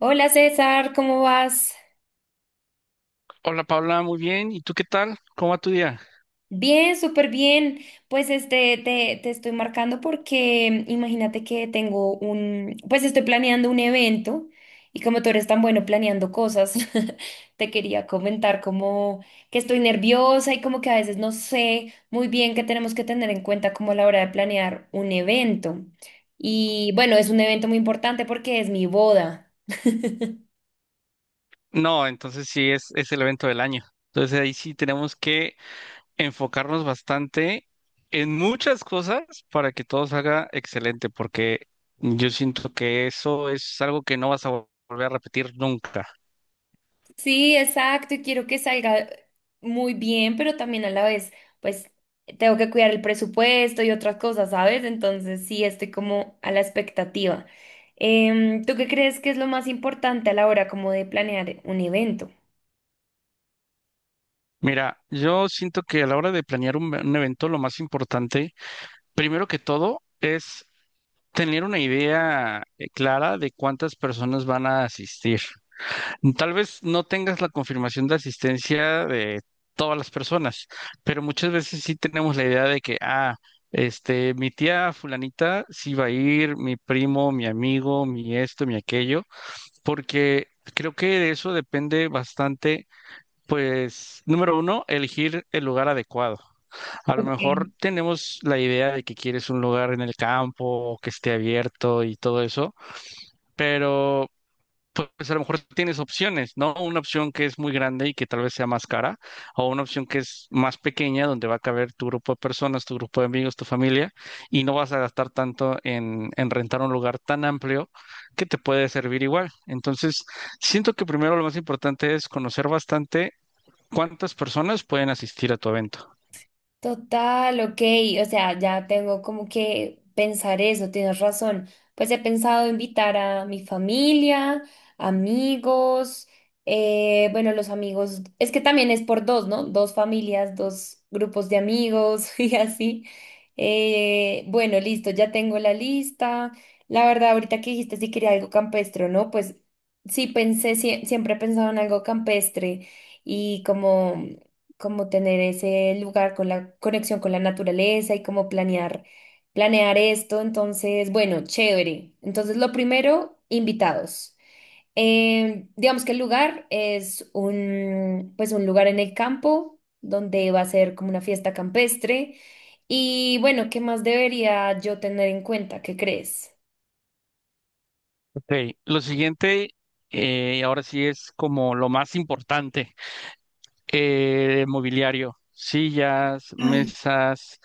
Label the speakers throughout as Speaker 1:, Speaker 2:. Speaker 1: Hola César, ¿cómo vas?
Speaker 2: Hola Paula, muy bien. ¿Y tú qué tal? ¿Cómo va tu día?
Speaker 1: Bien, súper bien. Pues te estoy marcando porque imagínate que tengo pues estoy planeando un evento y como tú eres tan bueno planeando cosas, te quería comentar como que estoy nerviosa y como que a veces no sé muy bien qué tenemos que tener en cuenta como a la hora de planear un evento. Y bueno, es un evento muy importante porque es mi boda.
Speaker 2: No, entonces sí es el evento del año. Entonces ahí sí tenemos que enfocarnos bastante en muchas cosas para que todo salga excelente, porque yo siento que eso es algo que no vas a volver a repetir nunca.
Speaker 1: Sí, exacto, y quiero que salga muy bien, pero también a la vez, pues tengo que cuidar el presupuesto y otras cosas, ¿sabes? Entonces sí, estoy como a la expectativa. ¿Tú qué crees que es lo más importante a la hora como de planear un evento?
Speaker 2: Mira, yo siento que a la hora de planear un evento, lo más importante, primero que todo, es tener una idea clara de cuántas personas van a asistir. Tal vez no tengas la confirmación de asistencia de todas las personas, pero muchas veces sí tenemos la idea de que, ah, este, mi tía fulanita sí va a ir, mi primo, mi amigo, mi esto, mi aquello, porque creo que de eso depende bastante, pues, número uno, elegir el lugar adecuado. A lo mejor tenemos la idea de que quieres un lugar en el campo, que esté abierto y todo eso. Pero pues a lo mejor tienes opciones, ¿no? Una opción que es muy grande y que tal vez sea más cara, o una opción que es más pequeña, donde va a caber tu grupo de personas, tu grupo de amigos, tu familia, y no vas a gastar tanto en rentar un lugar tan amplio que te puede servir igual. Entonces, siento que primero lo más importante es conocer bastante cuántas personas pueden asistir a tu evento.
Speaker 1: Total, ok, o sea, ya tengo como que pensar eso, tienes razón. Pues he pensado invitar a mi familia, amigos, bueno, los amigos, es que también es por dos, ¿no? Dos familias, dos grupos de amigos y así. Bueno, listo, ya tengo la lista. La verdad, ahorita que dijiste si quería algo campestre, o ¿no? Pues sí pensé, siempre he pensado en algo campestre y como tener ese lugar con la conexión con la naturaleza y como planear esto. Entonces, bueno, chévere. Entonces, lo primero, invitados. Digamos que el lugar es pues un lugar en el campo donde va a ser como una fiesta campestre. Y bueno, ¿qué más debería yo tener en cuenta? ¿Qué crees?
Speaker 2: Ok, lo siguiente, ahora sí es como lo más importante. Mobiliario, sillas, mesas,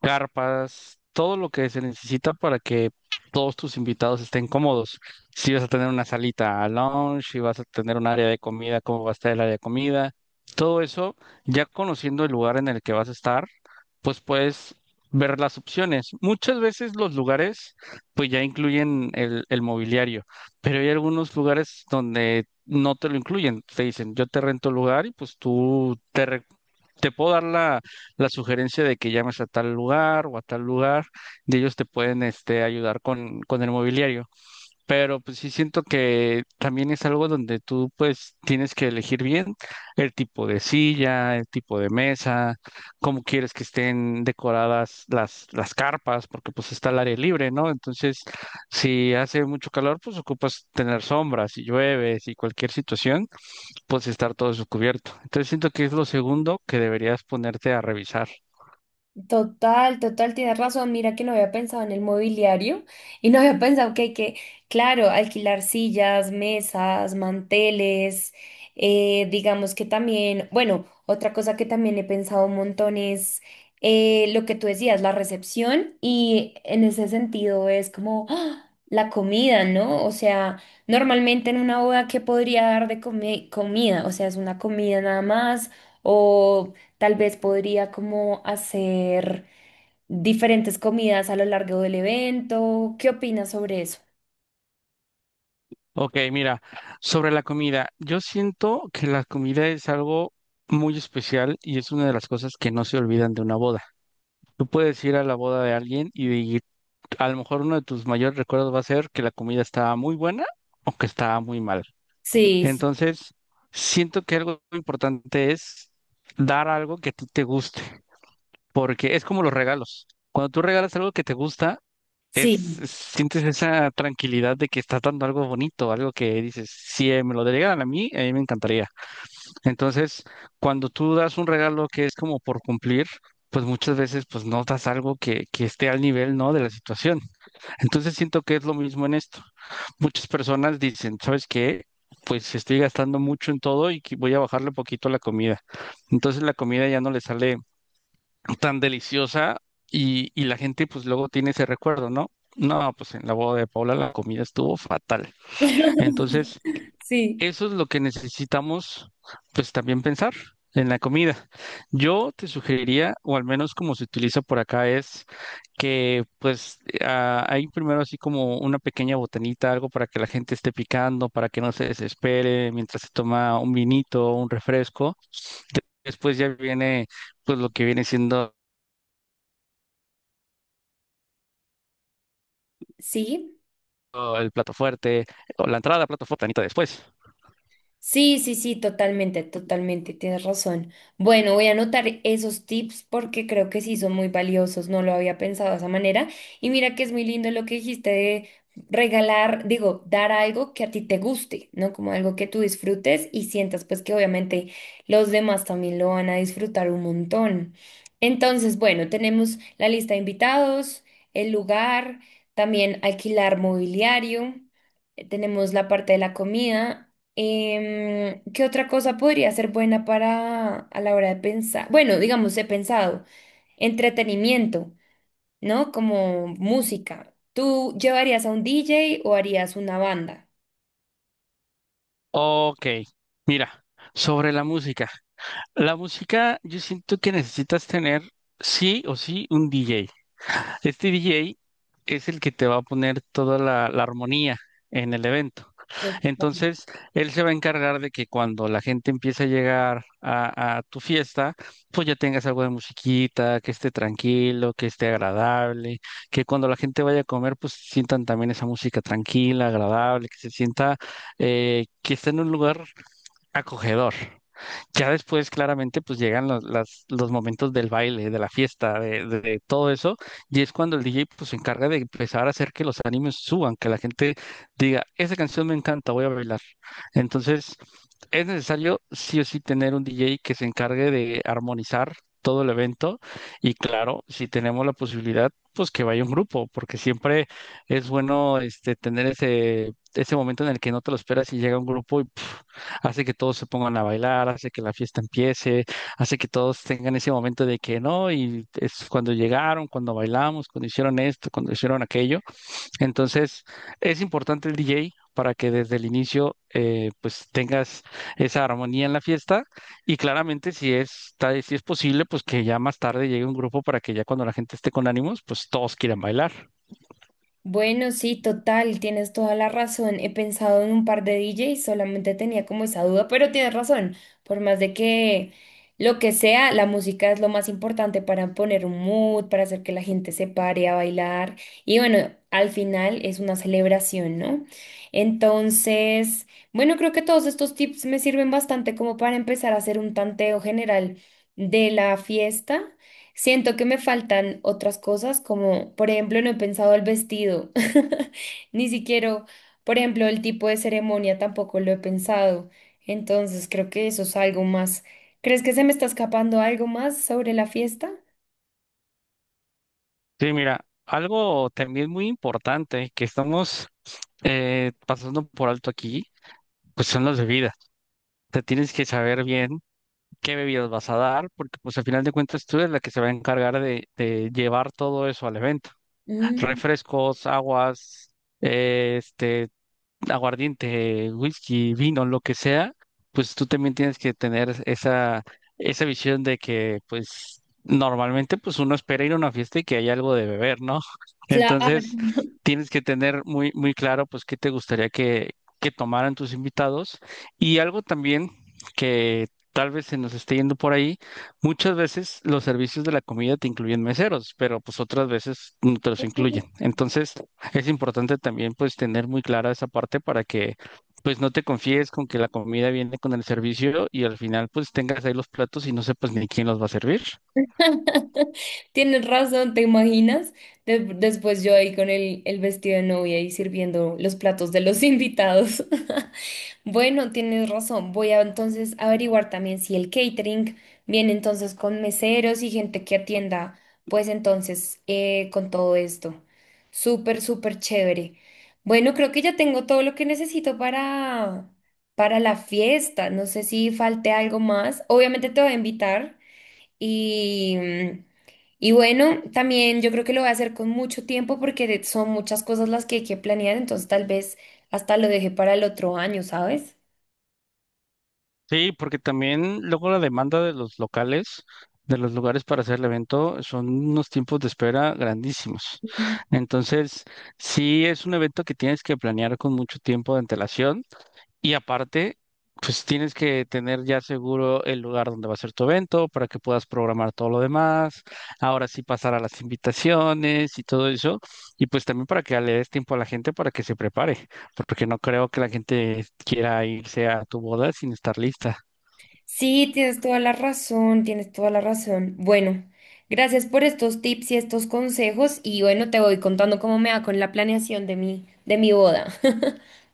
Speaker 2: carpas, todo lo que se necesita para que todos tus invitados estén cómodos. Si vas a tener una salita a lounge, si vas a tener un área de comida, cómo va a estar el área de comida, todo eso, ya conociendo el lugar en el que vas a estar, pues puedes ver las opciones. Muchas veces los lugares pues ya incluyen el mobiliario. Pero hay algunos lugares donde no te lo incluyen. Te dicen, yo te rento el lugar y pues tú te, te puedo dar la, la sugerencia de que llames a tal lugar o a tal lugar y ellos te pueden este, ayudar con el mobiliario, pero pues sí siento que también es algo donde tú pues tienes que elegir bien el tipo de silla, el tipo de mesa, cómo quieres que estén decoradas las carpas, porque pues está el aire libre, ¿no? Entonces, si hace mucho calor, pues ocupas tener sombras, si llueve, si cualquier situación, pues estar todo eso cubierto. Entonces siento que es lo segundo que deberías ponerte a revisar.
Speaker 1: Total, total, tienes razón. Mira que no había pensado en el mobiliario y no había pensado que hay claro, alquilar sillas, mesas, manteles, digamos que también, bueno, otra cosa que también he pensado un montón es lo que tú decías, la recepción y en ese sentido es como ¡ah! La comida, ¿no? O sea, normalmente en una boda, ¿qué podría dar de comida? O sea, es una comida nada más. O tal vez podría como hacer diferentes comidas a lo largo del evento. ¿Qué opinas sobre eso?
Speaker 2: Ok, mira, sobre la comida, yo siento que la comida es algo muy especial y es una de las cosas que no se olvidan de una boda. Tú puedes ir a la boda de alguien y a lo mejor uno de tus mayores recuerdos va a ser que la comida estaba muy buena o que estaba muy mal.
Speaker 1: Sí, sí.
Speaker 2: Entonces, siento que algo importante es dar algo que a ti te guste, porque es como los regalos. Cuando tú regalas algo que te gusta,
Speaker 1: Sí,
Speaker 2: sientes esa tranquilidad de que estás dando algo bonito, algo que dices, si me lo delegaran a mí me encantaría. Entonces, cuando tú das un regalo que es como por cumplir, pues muchas veces pues no das algo que esté al nivel, ¿no? de la situación. Entonces siento que es lo mismo en esto. Muchas personas dicen, ¿sabes qué? Pues estoy gastando mucho en todo y que voy a bajarle poquito a la comida. Entonces la comida ya no le sale tan deliciosa y la gente pues luego tiene ese recuerdo, ¿no? No, pues en la boda de Paula la comida estuvo fatal. Entonces,
Speaker 1: sí.
Speaker 2: eso es lo que necesitamos pues también pensar en la comida. Yo te sugeriría, o al menos como se utiliza por acá, es que pues hay primero así como una pequeña botanita, algo para que la gente esté picando, para que no se desespere mientras se toma un vinito, un refresco. Después ya viene pues lo que viene siendo
Speaker 1: Sí,
Speaker 2: o el plato fuerte, o la entrada, plato fuerte, anita después.
Speaker 1: sí, sí, sí, totalmente, totalmente, tienes razón. Bueno, voy a anotar esos tips porque creo que sí son muy valiosos, no lo había pensado de esa manera. Y mira que es muy lindo lo que dijiste de regalar, digo, dar algo que a ti te guste, ¿no? Como algo que tú disfrutes y sientas pues que obviamente los demás también lo van a disfrutar un montón. Entonces, bueno, tenemos la lista de invitados, el lugar, también alquilar mobiliario. Tenemos la parte de la comida. ¿Qué otra cosa podría ser buena para a la hora de pensar? Bueno, digamos, he pensado, entretenimiento, ¿no? Como música. ¿Tú llevarías a un DJ o harías una banda?
Speaker 2: Ok, mira, sobre la música. La música, yo siento que necesitas tener sí o sí un DJ. Este DJ es el que te va a poner toda la, la armonía en el evento.
Speaker 1: Ok.
Speaker 2: Entonces, él se va a encargar de que cuando la gente empiece a llegar a tu fiesta, pues ya tengas algo de musiquita, que esté tranquilo, que esté agradable, que cuando la gente vaya a comer, pues sientan también esa música tranquila, agradable, que se sienta que está en un lugar acogedor. Ya después, claramente, pues llegan los momentos del baile, de la fiesta, de todo eso, y es cuando el DJ pues, se encarga de empezar a hacer que los animes suban, que la gente diga, esa canción me encanta, voy a bailar. Entonces, es necesario sí o sí tener un DJ que se encargue de armonizar todo el evento, y claro, si tenemos la posibilidad, pues que vaya un grupo, porque siempre es bueno este, tener ese momento en el que no te lo esperas y llega un grupo y hace que todos se pongan a bailar, hace que la fiesta empiece, hace que todos tengan ese momento de que no, y es cuando llegaron, cuando bailamos, cuando hicieron esto, cuando hicieron aquello. Entonces, es importante el DJ para que desde el inicio pues tengas esa armonía en la fiesta y claramente si es, si es posible, pues que ya más tarde llegue un grupo para que ya cuando la gente esté con ánimos, pues todos quieran bailar.
Speaker 1: Bueno, sí, total, tienes toda la razón. He pensado en un par de D DJs, solamente tenía como esa duda, pero tienes razón. Por más de que lo que sea, la música es lo más importante para poner un mood, para hacer que la gente se pare a bailar. Y bueno, al final es una celebración, ¿no? Entonces, bueno, creo que todos estos tips me sirven bastante como para empezar a hacer un tanteo general de la fiesta. Siento que me faltan otras cosas, como por ejemplo, no he pensado el vestido, ni siquiera, por ejemplo, el tipo de ceremonia tampoco lo he pensado. Entonces, creo que eso es algo más. ¿Crees que se me está escapando algo más sobre la fiesta?
Speaker 2: Sí, mira, algo también muy importante que estamos pasando por alto aquí, pues son las bebidas. Te tienes que saber bien qué bebidas vas a dar, porque pues al final de cuentas tú eres la que se va a encargar de llevar todo eso al evento.
Speaker 1: Mm,
Speaker 2: Refrescos, aguas, eh, este, aguardiente, whisky, vino, lo que sea, pues tú también tienes que tener esa visión de que, pues, normalmente, pues uno espera ir a una fiesta y que haya algo de beber, ¿no?
Speaker 1: claro.
Speaker 2: Entonces, tienes que tener muy, muy claro, pues, qué te gustaría que tomaran tus invitados. Y algo también que tal vez se nos esté yendo por ahí, muchas veces los servicios de la comida te incluyen meseros, pero pues otras veces no te los incluyen. Entonces, es importante también pues tener muy clara esa parte para que pues no te confíes con que la comida viene con el servicio y al final pues tengas ahí los platos y no sepas ni quién los va a servir.
Speaker 1: Tienes razón, ¿te imaginas? Después yo ahí con el vestido de novia y sirviendo los platos de los invitados. Bueno, tienes razón. Voy a entonces averiguar también si el catering viene entonces con meseros y gente que atienda, pues entonces con todo esto. Súper, súper chévere. Bueno, creo que ya tengo todo lo que necesito para la fiesta. No sé si falte algo más. Obviamente te voy a invitar y, mm, y bueno, también yo creo que lo voy a hacer con mucho tiempo porque son muchas cosas las que hay que planear, entonces tal vez hasta lo deje para el otro año, ¿sabes?
Speaker 2: Sí, porque también luego la demanda de los locales, de los lugares para hacer el evento, son unos tiempos de espera grandísimos.
Speaker 1: Mm.
Speaker 2: Entonces, sí es un evento que tienes que planear con mucho tiempo de antelación y aparte, pues tienes que tener ya seguro el lugar donde va a ser tu evento para que puedas programar todo lo demás, ahora sí pasar a las invitaciones y todo eso, y pues también para que le des tiempo a la gente para que se prepare, porque no creo que la gente quiera irse a tu boda sin estar lista.
Speaker 1: Sí, tienes toda la razón, tienes toda la razón. Bueno, gracias por estos tips y estos consejos y bueno, te voy contando cómo me va con la planeación de de mi boda.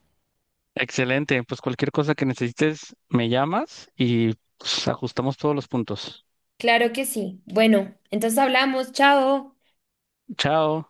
Speaker 2: Excelente, pues cualquier cosa que necesites, me llamas y pues, ajustamos todos los puntos.
Speaker 1: Claro que sí. Bueno, entonces hablamos, chao.
Speaker 2: Chao.